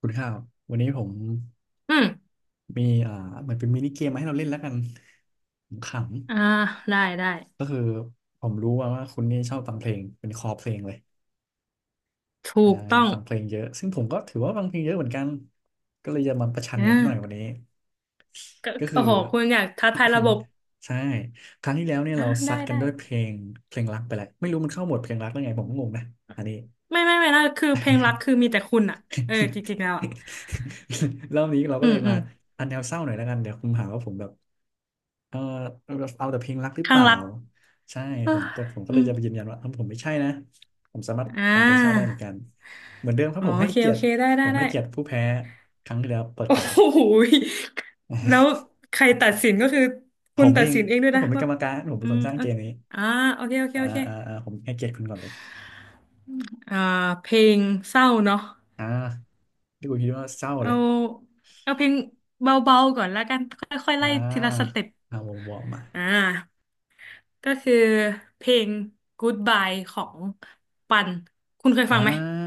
คุณข้าววันนี้ผมอืมมีเหมือนเป็นมินิเกมมาให้เราเล่นแล้วกันขอ่าำได้ได้ ๆก็คือผมรู้ว่าคุณนี่ชอบฟังเพลงเป็นคอเพลงเลยถูอ่ากต้องฟังเพลงเยอะซึ่งผมก็ถือว่าฟังเพลงเยอะเหมือนกันก็เลยจะมาประชันอ่กันสักหน่อยวันานี้ก็ก็คืโอ้อ โหคุณอยากท้าทายระบบ ใช่ครั้งที่แล้วเนี่ยอ่าเราซัได้ดกันด้วยเพลงเพลงรักไปแล้วไม่รู้มันเข้าหมวดเพลงรักได้ไงผมก็งงนะอันนี้ ไม่ไม่ไม่นะคือเพลงรักคือมีแต่คุณอ่ะเออจริงๆแล้วอ่ะ รอบนี้เราอืก็เลมยอืมามอันแนวเศร้าหน่อยแล้วกันเดี๋ยวคุณหาว่าผมแบบ เออเอาแต่เพลงรักหรือเปข้างล่ารักใช่เอ้ผมยแต่ผมก็เลอืยมจะไปยืนยันว่าเออผมไม่ใช่นะผมสามารถอ่ฟังเพลงเศร้าได้าเหมือนกันเหมือนเดิมครับอ๋อผมโอให้เคเกีโอยรติเคได้ผได้มได้ ให้เกียรติผู้แพ้ครั้งที่แล้วเปิดโอ้ก่อนเลย โหยแล้วใครตัดสินก็คือ ผคุณมตัเอดงสินเองด้วก็ยผนะมเป็นว่ากรรมการผมอืเป็นคมนสร้างโอเกเคมนี้อ่าโอเคโอเคโอเคผมให้เกียรติคุณก่อนเลยอ่า เพลงเศร้าเนาะ อ่าที่คุณคิดว่าเศร้าเลเอายเอาเพลงเบาๆก่อนแล้วกันค่อยๆอ่ไล่ทีละสาเต็ปเอาวอร์มๆมาอ่าก็คือเพลง Goodbye ของปันคุณเคยฟัอ่งไหมา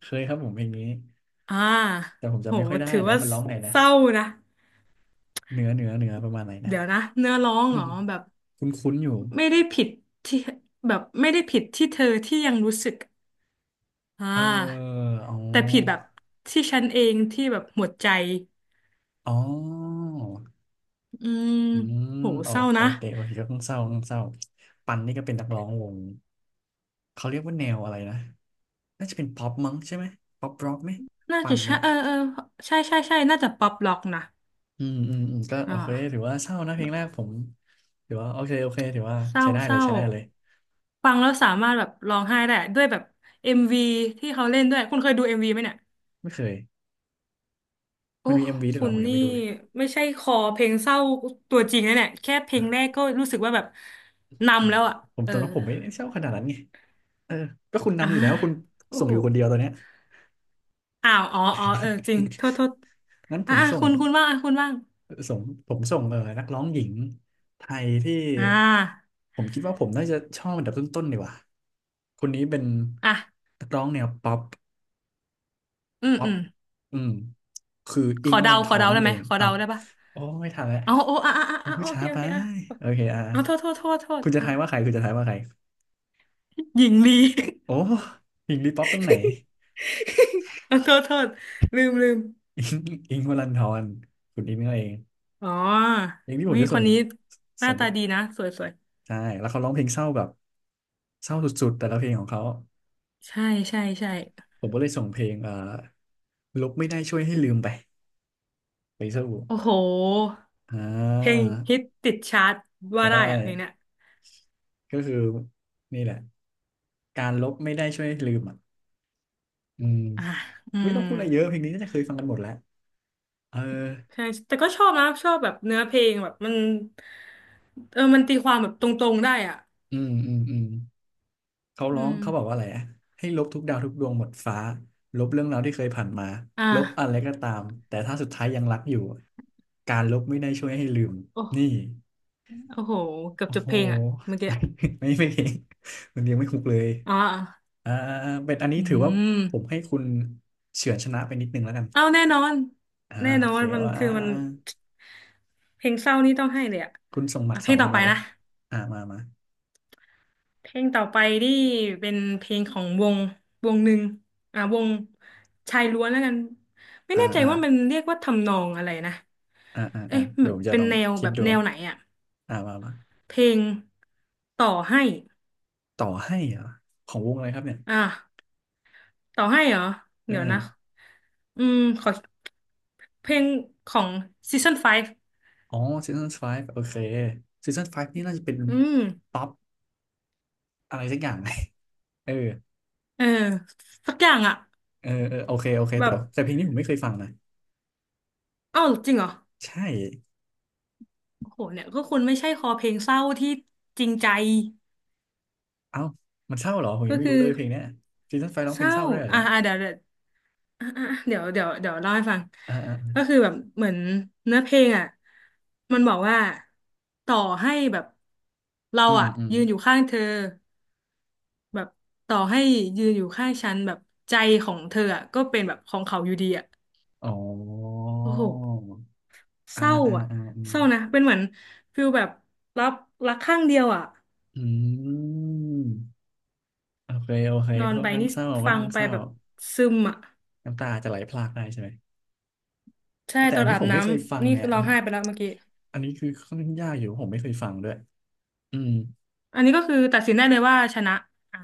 เคยครับผมเพลงนี้อ่าแต่ผมโหจำไม่ค่อยได้ถือแล้วว่ามันร้องไงนะเศร้านะเหนือประมาณไหนนะ เดี๋ยวนะเนื้อร้องเหรอแบบ คุ้นๆอยู่ ไม่ได้ผิดที่แบบไม่ได้ผิดที่เธอที่ยังรู้สึกอ่เออาอ๋อแต่ผิดแบบที่ฉันเองที่แบบหมดใจอ๋ออืมอืมโหโอเศร้าโอนะเคโอเคก็ต้องเศร้าต้องเศร้าปันนี่ก็เป็นนักร้องวงเขาเรียกว่าแนวอะไรนะ น่าจะเป็นป๊อปมั้งใช่ไหมป๊อปร็อกไหมน่าปัจะนใช่เนี่ยเออเออใช่ใช่ใช่น่าจะป๊อปล็อกนะ อืมอืมอืมก็โออ่าเคถือว่าเศร้านะเพลงแรกผมถือว่าโอเคโอเคถือว่าเศร้าใช้ได้เศเลยร้าใช้ได้เลย ฟังแล้วสามารถแบบร้องไห้ได้อะด้วยแบบเอ็มวีที่เขาเล่นด้วยคุณเคยดูเอ็มวีไหมเนี่ยไม่เคยโอ้มันมีเอ็มวีด้วยคุเหรอณผมยังนี่ไม่ดูเลยไม่ใช่คอเพลงเศร้าตัวจริงนะเนี่ยแค่เพลงแรกก็รู้สึกว่าแบบอืนำมแล้วอ่ะผมเอตออนนั้นผมไม่ได้เศร้าขนาดนั้นไงเออก็คุณอ่านำอยู่แล้วคุณโอ้ส่งโหอยู่คนเดียวตอนเนี้ย อ้าวอ๋ออ๋อเออจริงโทษโทษ งั้นผอ่ะมอ่ะส่ง คุณคุณว่างอ่ะคุณว่างส่งผมส่งนักร้องหญิงไทยที่อ่าผมคิดว่าผมน่าจะชอบอันดับต้นๆดีกว่าคนนี้เป็นอ่ะนักร้องแนวป๊อปอืมป๊ออืปมอืมคือขอิงอค์มเดาลันทขออเดานั่นได้เอไหมงขออ้าเดาวได้ปะโอ้ไม่ทันแล้วอ๋อโอ้อ่ะอ่ะอ่ะคุณอ่ะผู้โอเคช้าโอไปเคอ่ะโอเคอ่ะอ๋อโทษโทษโทษโทษคุณจะอ่ะทายว่าใครคุณจะทายว่าใครหญิงลี โอ้อิงค์ลีป๊อปตรงไหน เออโทษโทษลืมลืมอิงค์วลันทรคุณอิงค์นั่นเองอ๋อเพลงที่ผเฮ้มยจะคส่นงนี้หน้าส่งไปตาดีนะสวยสวยใช่แล้วเขาร้องเพลงเศร้าแบบเศร้าสุดๆแต่ละเพลงของเขา ใช่ใช่ใช่ผมก็เลยส่งเพลงลบไม่ได้ช่วยให้ลืมไปไปสู้โอ้โหอ่เพลงาฮิตติดชาร์ตใชว่าได้อะเพลงเนี้ย่ก็คือนี่แหละการลบไม่ได้ช่วยให้ลืมอ่ะอืมอ่ะอืไม่ต้มองพูดอะไรเยอะเพลงนี้น่าจะเคยฟังกันหมดแล้วเออใช่แต่ก็ชอบนะชอบแบบเนื้อเพลงแบบมันเออมันตีความแบบตรงๆได้อ่ะอืมเขาอืร้องมเขาบอกว่าอะไรอะให้ลบทุกดาวทุกดวงหมดฟ้าลบเรื่องราวที่เคยผ่านมาอ่ะลบอะไรก็ตามแต่ถ้าสุดท้ายยังรักอยู่การลบไม่ได้ช่วยให้ลืมโอ้นี่ โอ้โหเกือบโอ้จบโห เพลงอ่ะเมื่อกี้ ไม่ไม่เก่งมันเลี้ยงไม่คุกเลยอ๋ออ่าเป็นอันนี้อืถือว่ามผมให้คุณเฉือนชนะไปนิดนึงแล้วกันเอาแน่นอนอ่าแน่โอนอเคนมันว่าคือมัน เพลงเศร้านี่ต้องให้เลยอะคุณส่งหมัดอ่ะเพสอลงงคุต่อณไปมาเลยนะ อ่ามามาเพลงต่อไปนี่เป็นเพลงของวงวงหนึ่งอ่ะวงชายล้วนแล้วกันไม่อ่าแน่ใจอ่าว่ามันเรียกว่าทำนองอะไรนะเอ๊ะแบเดี๋ยวบผมจะเป็นลองแนวคิแบดบดูแนวไหนอะอ่ามามาเพลงต่อให้ต่อให้เหรอของวงอะไรครับเนี่ยอ่ะต่อให้เหรอเดี๋ยวนะเอออืมขอเพลงของซีซั่น5อ๋อซีซั่นไฟ v ์โอเคซีซั่นไฟ v ์นี่น่าจะเป็นอืมป๊อปอะไรสักอย่าง เออเออสักอย่างอะเออเออโอเคโอเคแบแต่บแต่เพลงนี้ผมไม่เคยฟังนะ อ้าวจริงเหรอใช่ โอ้โหเนี่ยก็คุณไม่ใช่คอเพลงเศร้าที่จริงใจ เอ้า มันเศร้าเหรอ ผมยัก็งไม่คืรู้อเลยเพลงเนี้ยซีซันไฟร้องเศเพลงร้าเศร้าด้วยเหรอเนี่ยเดี๋ยวเดี๋ยวอ่ะอ่ะเดี๋ยวเดี๋ยวเดี๋ยวเล่าให้ฟังอ่าอ่าก็คือแบบเหมือนเนื้อเพลงอ่ะมันบอกว่าต่อให้แบบเราอืมอ่ะอืมยืนอยู่ข้างเธอแบบต่อให้ยืนอยู่ข้างฉันแบบใจของเธออ่ะก็เป็นแบบของเขาอยู่ดีอ่ะอ๋อโอ้โหเศร้าอ่ะอืมเศร้านะเป็นเหมือนฟิลแบบรับรักข้างเดียวอ่ะอืมโอเคโอเคนอก็นค่อไปนข้างนี่เศร้าค่อฟันงข้างไปเศร้าแบบซึมอ่ะน้ำตาจะไหลพรากได้ใช่ไหม ใช่แต่ตออันนที่อาบผมน้ไม่เคยฟังำนี่ไงอัร้อนงนี้ไห้ไปแล้วเมื่อกี้ อันนี้คือค่อนข้างยากอยู่ผมไม่เคยฟังด้วยอืมอันนี้ก็คือตัดสินได้เลยว่าชนะอ่า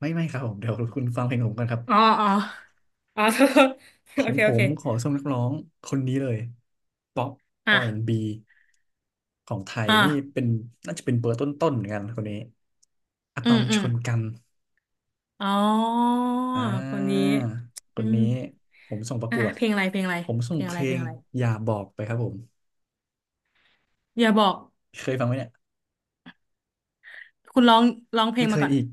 ไม่ไม่ครับผมเดี๋ยวคุณฟังเพลงผมก่อนครับ อ๋ออ๋อ อ๋อ โทษขอโองเคผโอมเค ขอส่งนักร้องคนนี้เลยป๊อป อ่ะ R&B ของไทยอ่านี่เป็นน่าจะเป็นเบอร์ต้นๆเหมือนกันคนนี้อะอืตอมมอืชมนกันอ๋ออ่าคนนี้คอืนมนี้ผมส่งประกอ่ะวดเพลงอะไรเพลงอะไรผมส่เพงลงเพอะไรลเพลงงอะไรอย่าบอกไปครับผมอย่าบอกเคยฟังไหมเนี่ยคุณร้องร้องเพลไม่งเคมายก่อนอีก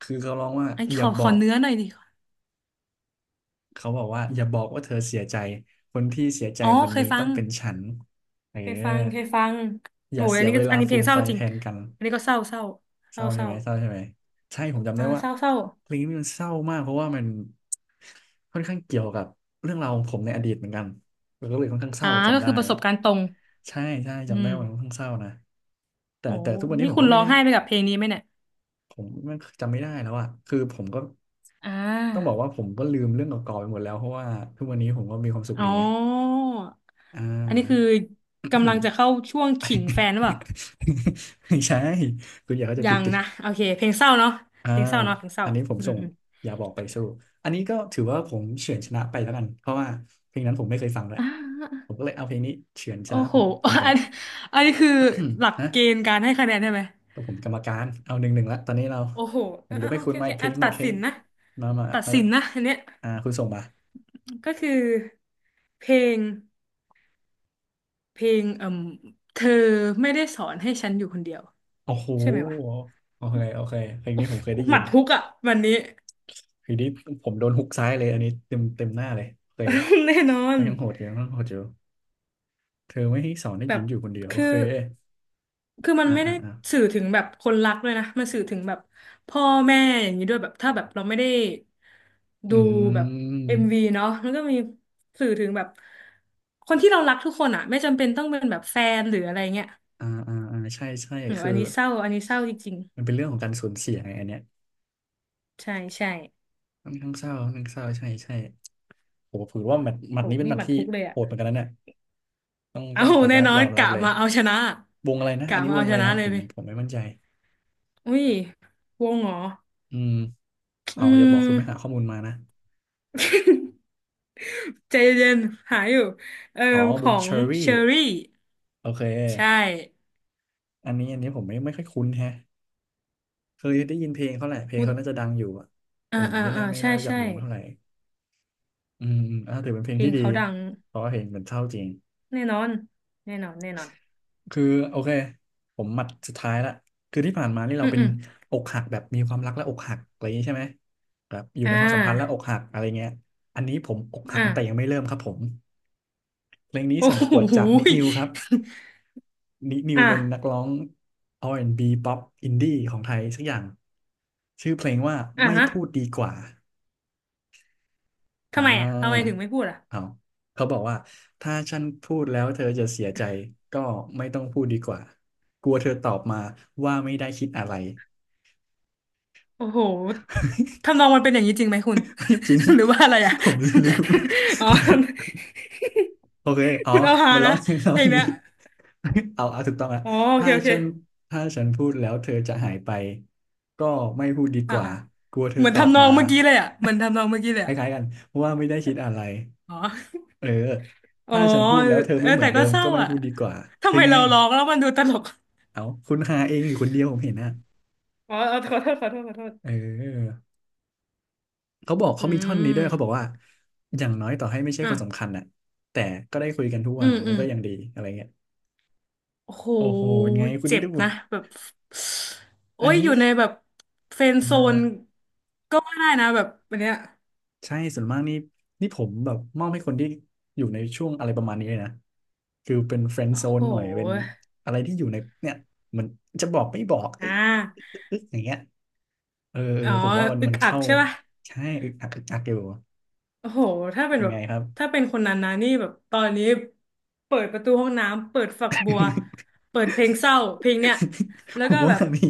คือเขาร้องว่าอันอขย่าอบขออกเนื้อหน่อยดิเขาบอกว่าอย่าบอกว่าเธอเสียใจคนที่เสียใจอ๋อวันเคยนี้ฟัต้อง งเป็นฉันเออเคยฟัง เคยฟังอโอ้ย่ายเสีอันยนี้เวก็ลาอันนี้เพฟูลงมเศร้าไฟายจริแทงนกัน อันนี้ก็เศร้าเศร้าเศเศร้าร้าเศใช่ร้าไหมเศร้าใช่ไหมใช่ผมจำได้ว่าเศร้าเศร้าเพลงนี้มันเศร้ามากเพราะว่ามันค่อนข้างเกี่ยวกับเรื่องราวของผมในอดีตเหมือนกันแล้วก็เลยค่อนข้างเศอ่าร้าก็จำได้คือประสบการณ์ตรงใช่ใช่อืจำได้มว่ามันค่อนข้างเศร้านะแต่โหแต่ทุกวันนี้นี่ผมคุณก็ไม่ร้องแน่ไห้ไปกับเพลงนี้ไหมเนี่ย ผมมันจำไม่ได้แล้วอะคือผมก็อ่ต้องบอกาว่าผมก็ลืมเรื่องเก่าๆไปหมดแล้วเพราะว่าทุกวันนี้ผมก็มีความสุขอ๋อดีไงอ่อันนี้คือา กำลังจะเข้าช่วงขิงแฟนหรือเปล่า ไม่ใช่คุณอย่าเข้าใจยัผิดงดิ นะโอเคเพลงเศร้าเนาะอ่าเพลงเศร้าเนาะเพลงเศร้าอันนี้ผมอืส่มงอืม อย่าบอกไปสู้อันนี้ก็ถือว่าผมเฉือนชนะไปแล้วกันเพราะว่าเพลงนั้นผมไม่เคยฟังเล ยอ่าผมก็เลยเอาเพลงนี้เฉือนชโอ้นะโหผมคนไป อันอันนี้คือหลัก ฮะเกณฑ์การให้คะแนนใช่ไหมกับผมกรรมการเอา1-1ละตอนนี้เราโอ้โหผมยกให้โอคุเคณโอไมเคค์เพลอ่ะงไมตัค์ดเพลสิงนนะมามาตัดมาสินนะอันเนี้ยอ่าคุณส่งมาก็คือเพลงเพลงเอ่มเธอไม่ได้สอนให้ฉันอยู่คนเดียวโอ้โหใช่ไหมวะโอเคโอเคเพลงอนี้ผมเคยไดุ้๊ยหยิมันดฮุกอ่ะวันนี้ เพลงนี้ผมโดนฮุกซ้ายเลยอันนี้เต็มหน้าเลยโอเค แน่นอน ก็ยังโหดอยู่ยังโหดอยู่เธอไม่ให้สอนให้แบยืบนอยู่คนเดียวโอคือเคคือมันอ่าไม่อ่าได้อ่า สื่อถึงแบบคนรักด้วยนะมันสื่อถึงแบบพ่อแม่อย่างนี้ด้วยแบบถ้าแบบเราไม่ได้อืดูแบบเอ็มวีมเนาะมันก็มีสื่อถึงแบบคนที่เรารักทุกคนอ่ะไม่จำเป็นต้องเป็นแบบแฟนหรืออะไรเงี้ยอ่าอ่าอ่าใช่ ใช่ โหคือ อันนี้เศร้าอันนี้เศร้าจริงมันเป็นเรื่องของการสูญเสียไงอันเนี้ยๆใช่ใช่ค่อนข้างเศร้าค่อนข้างเศร้าใช่ใช่โหถือว่าหมัดหมัโหดนี้เป็นหนี่มัหดมัดที่ฮุกเลยโหอ่ะดเหมือนกันนะเนี่ยต้องเอาต้องขออนุแน่ญาตนอยนอมรับกะเลยมาเอาชนะวงอะไรนะ กะอันนี้มาวงเอาอะชไรนะนะเลผยมไปผมไม่มั่นใจอุ้ยวงเหรออืมอืเอาอย่าบอม กคุณไม่หาข้อมูลมานะใจเย็น ๆหาอยู่เอ่ออ๋อขวองเชงอรี่เชอรี่โอเคใช่อันนี้อันนี้ผมไม่ค่อยคุ้นแฮะเคยได้ยินเพลงเขาแหละเพลงคุณเขาน่าจะดังอยู่อะแต่อ่าผมอ่าไม่อ่าน่าไม่ใช่น่ารู้จักใช่วงเท่าไหร่อืมอืมอ่าถือเป็นเพลเพงลที่งดีเขาดังเพราะว่าเพลงมันเศร้าจริง แน่นอนแน่นอนแน่นอนคือโอเคผมหมัดสุดท้ายละคือที่ผ่านมานี่เราอืมเป็นอืมอกหักแบบมีความรักและอกหักอะไรอย่างนี้ใช่ไหมแบบอยู่อ่ในความสัมพันธ์และอากหักอะไรเงี้ยอันนี้ผมอกหักอ่า แต่ยังไม่เริ่มครับผมเพลงนี้โอ้ส่งประกวดโหจากนิย นิวครับนินิ วอ่าเป็นนักร้อง R&B ป๊อปอินดี้ของไทยสักอย่างชื่อเพลงว่าอ่าไม่ฮะพูดดีกว่า อ่ทำไมอ่ะทำไมาถึงไม่พูดอ่ะเอาเขาบอกว่าถ้าฉันพูดแล้วเธอจะเสียใจก็ไม่ต้องพูดดีกว่ากลัวเธอตอบมาว่าไม่ได้คิดอะไร โอ้โหทำนอง มันเป็นอย่างนี้จริงไหมคุณ ไม่จริง หรือว่าอะไรอ่ะ ผมลืม อ๋อ โอเคอ๋อคุณเอาฮามันร้อนะงร้องอยเพลง่างเนี้นี้ ย เอาเอาถูกต้องละอ๋อโอเคถ้าโอเคฉันถ้าฉันพูดแล้วเธอจะหายไปก็ไม่พูดดีกอ่าว่าอ่ากลัวเธอเหมือนตอบทำนองมาเมื่อกี้เลยอ่ะเหมือนทำนองเมื่อกี้เลยคอ่ะ ล้ายๆกันว่าไม่ได้คิดอะไร อ๋อเอออ๋อถ้าฉันพูดแล้วเธอเอไม่อเหมือแต่นเดิก็มเศร้าก็ไม่อ่ะพูดดีกว่า ทำเป็ไมนไงเราร้องแล้วมันดูตลกเอาคุณหาเองอยู่คนเดียวผมเห็นนะอ๋อเออขอโทษขอโทษขอโทเษ ออเขาบอกอืเขามีท่อนนี้ด้วยเขาบอกม ว่า อย่างน้อยต่อให้ไม่ใช่คอ่ะ นสำคัญน่ะแต่ก็ได้คุยกันทุกอืวันมมัอืนมก็ยังดีอะไรเงี้ยโอ้โหโอ้โหเป็นไงคุณเจ็นี่บดูนะแบบโอ้อันย อนี้ยู่ในแบบเฟรนด์อ่โซนาก็ว่าได้นะแบบอันเนี้ยใช่ส่วนมากนี่นี่ผมแบบมอบให้คนที่อยู่ในช่วงอะไรประมาณนี้เลยนะคือเป็นเฟรนด์โอ้โซโหนหน่อยเป็นอะไรที่อยู่ในเนี่ยเหมือนจะบอกไม่บอกเอ้อ่ยาอึ๊กอย่างเงี้ย เออเอออ๋อ ผมว่ามันอึกมันอักเข้าใช่ป่ะใช่อึกอักอึกอักอยู่โอ้โห ถ้าเป็นเป็นแบบ ไงครับ ถ้าเป็นคนนั้นนะนี่แบบตอนนี้เปิดประตูห้องน้ำ เปิดฝักบัว เปิดเพลงเศร้าเพลงเนี้ย แล้ผวก็มแบว่าบ มี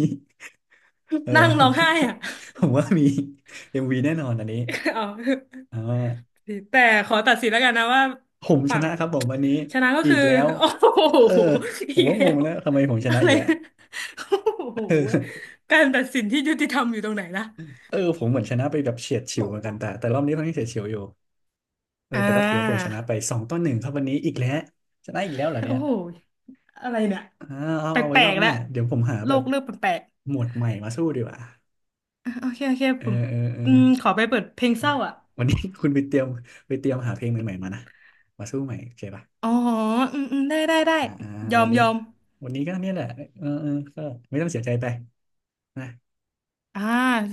เออ นั่งร้องไห้อ่ะ ผมว่ามีเอ็มวีแน่นอนอันนี้ เอาอ่าแต่ขอตัดสินแล้วกันนะว่าผมชฝั่งนะครับผมวันนี้ชนะก็อีคืกอ แล้ว โอ้โเออหผมอีกก็งแล้งวแล้วทำไมผมชอะนะอีไร กแล้ว โอ้เอโหอ การตัดสินที่ยุติธรรมอยู่ตรงไหนล่ะ เออผมเหมือนชนะไปแบบเฉียดฉิวโอ้เหมือนโหกันแต่รอบนี้ค่อนข้างเฉียดฉิวอยู่เอออ่แต่ก็ถือว่าผมชานะไป2-1ครับวันนี้อีกแล้วชนะอีกแล้วเหรอเนี่โอ้ยโหอะไรเนี่ยอ่าเอาแปเอาไว้ลรอกบๆหแล้น้าวเดี๋ยวผมหาโลแบบกเริ่มแปลกหมวดใหม่มาสู้ดีกว่า ๆอ่ะโอเคโอเคเออผมเออเอออืมขอไปเปิดเพลงเศร้าอ่ะวันนี้ คุณไปเตรียมไปเตรียมหาเพลงใหม่ๆมานะ มาสู้ใหม่โอเคป่ะอ๋ออืมอืมได้ได้ได้อ่าอ่ายอวันมนี้ยอมวันนี้ก็เนี่ยแหละเออเออก็ไม่ต้องเสียใจไปนะอ่า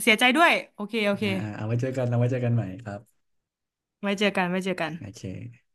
เสียใจด้วยโอเคโออ่าเค อ่าเอาไว้เจอกันเราไว้เจอกันใหม่ครับไว้เจอกันไว้เจอกันโอเค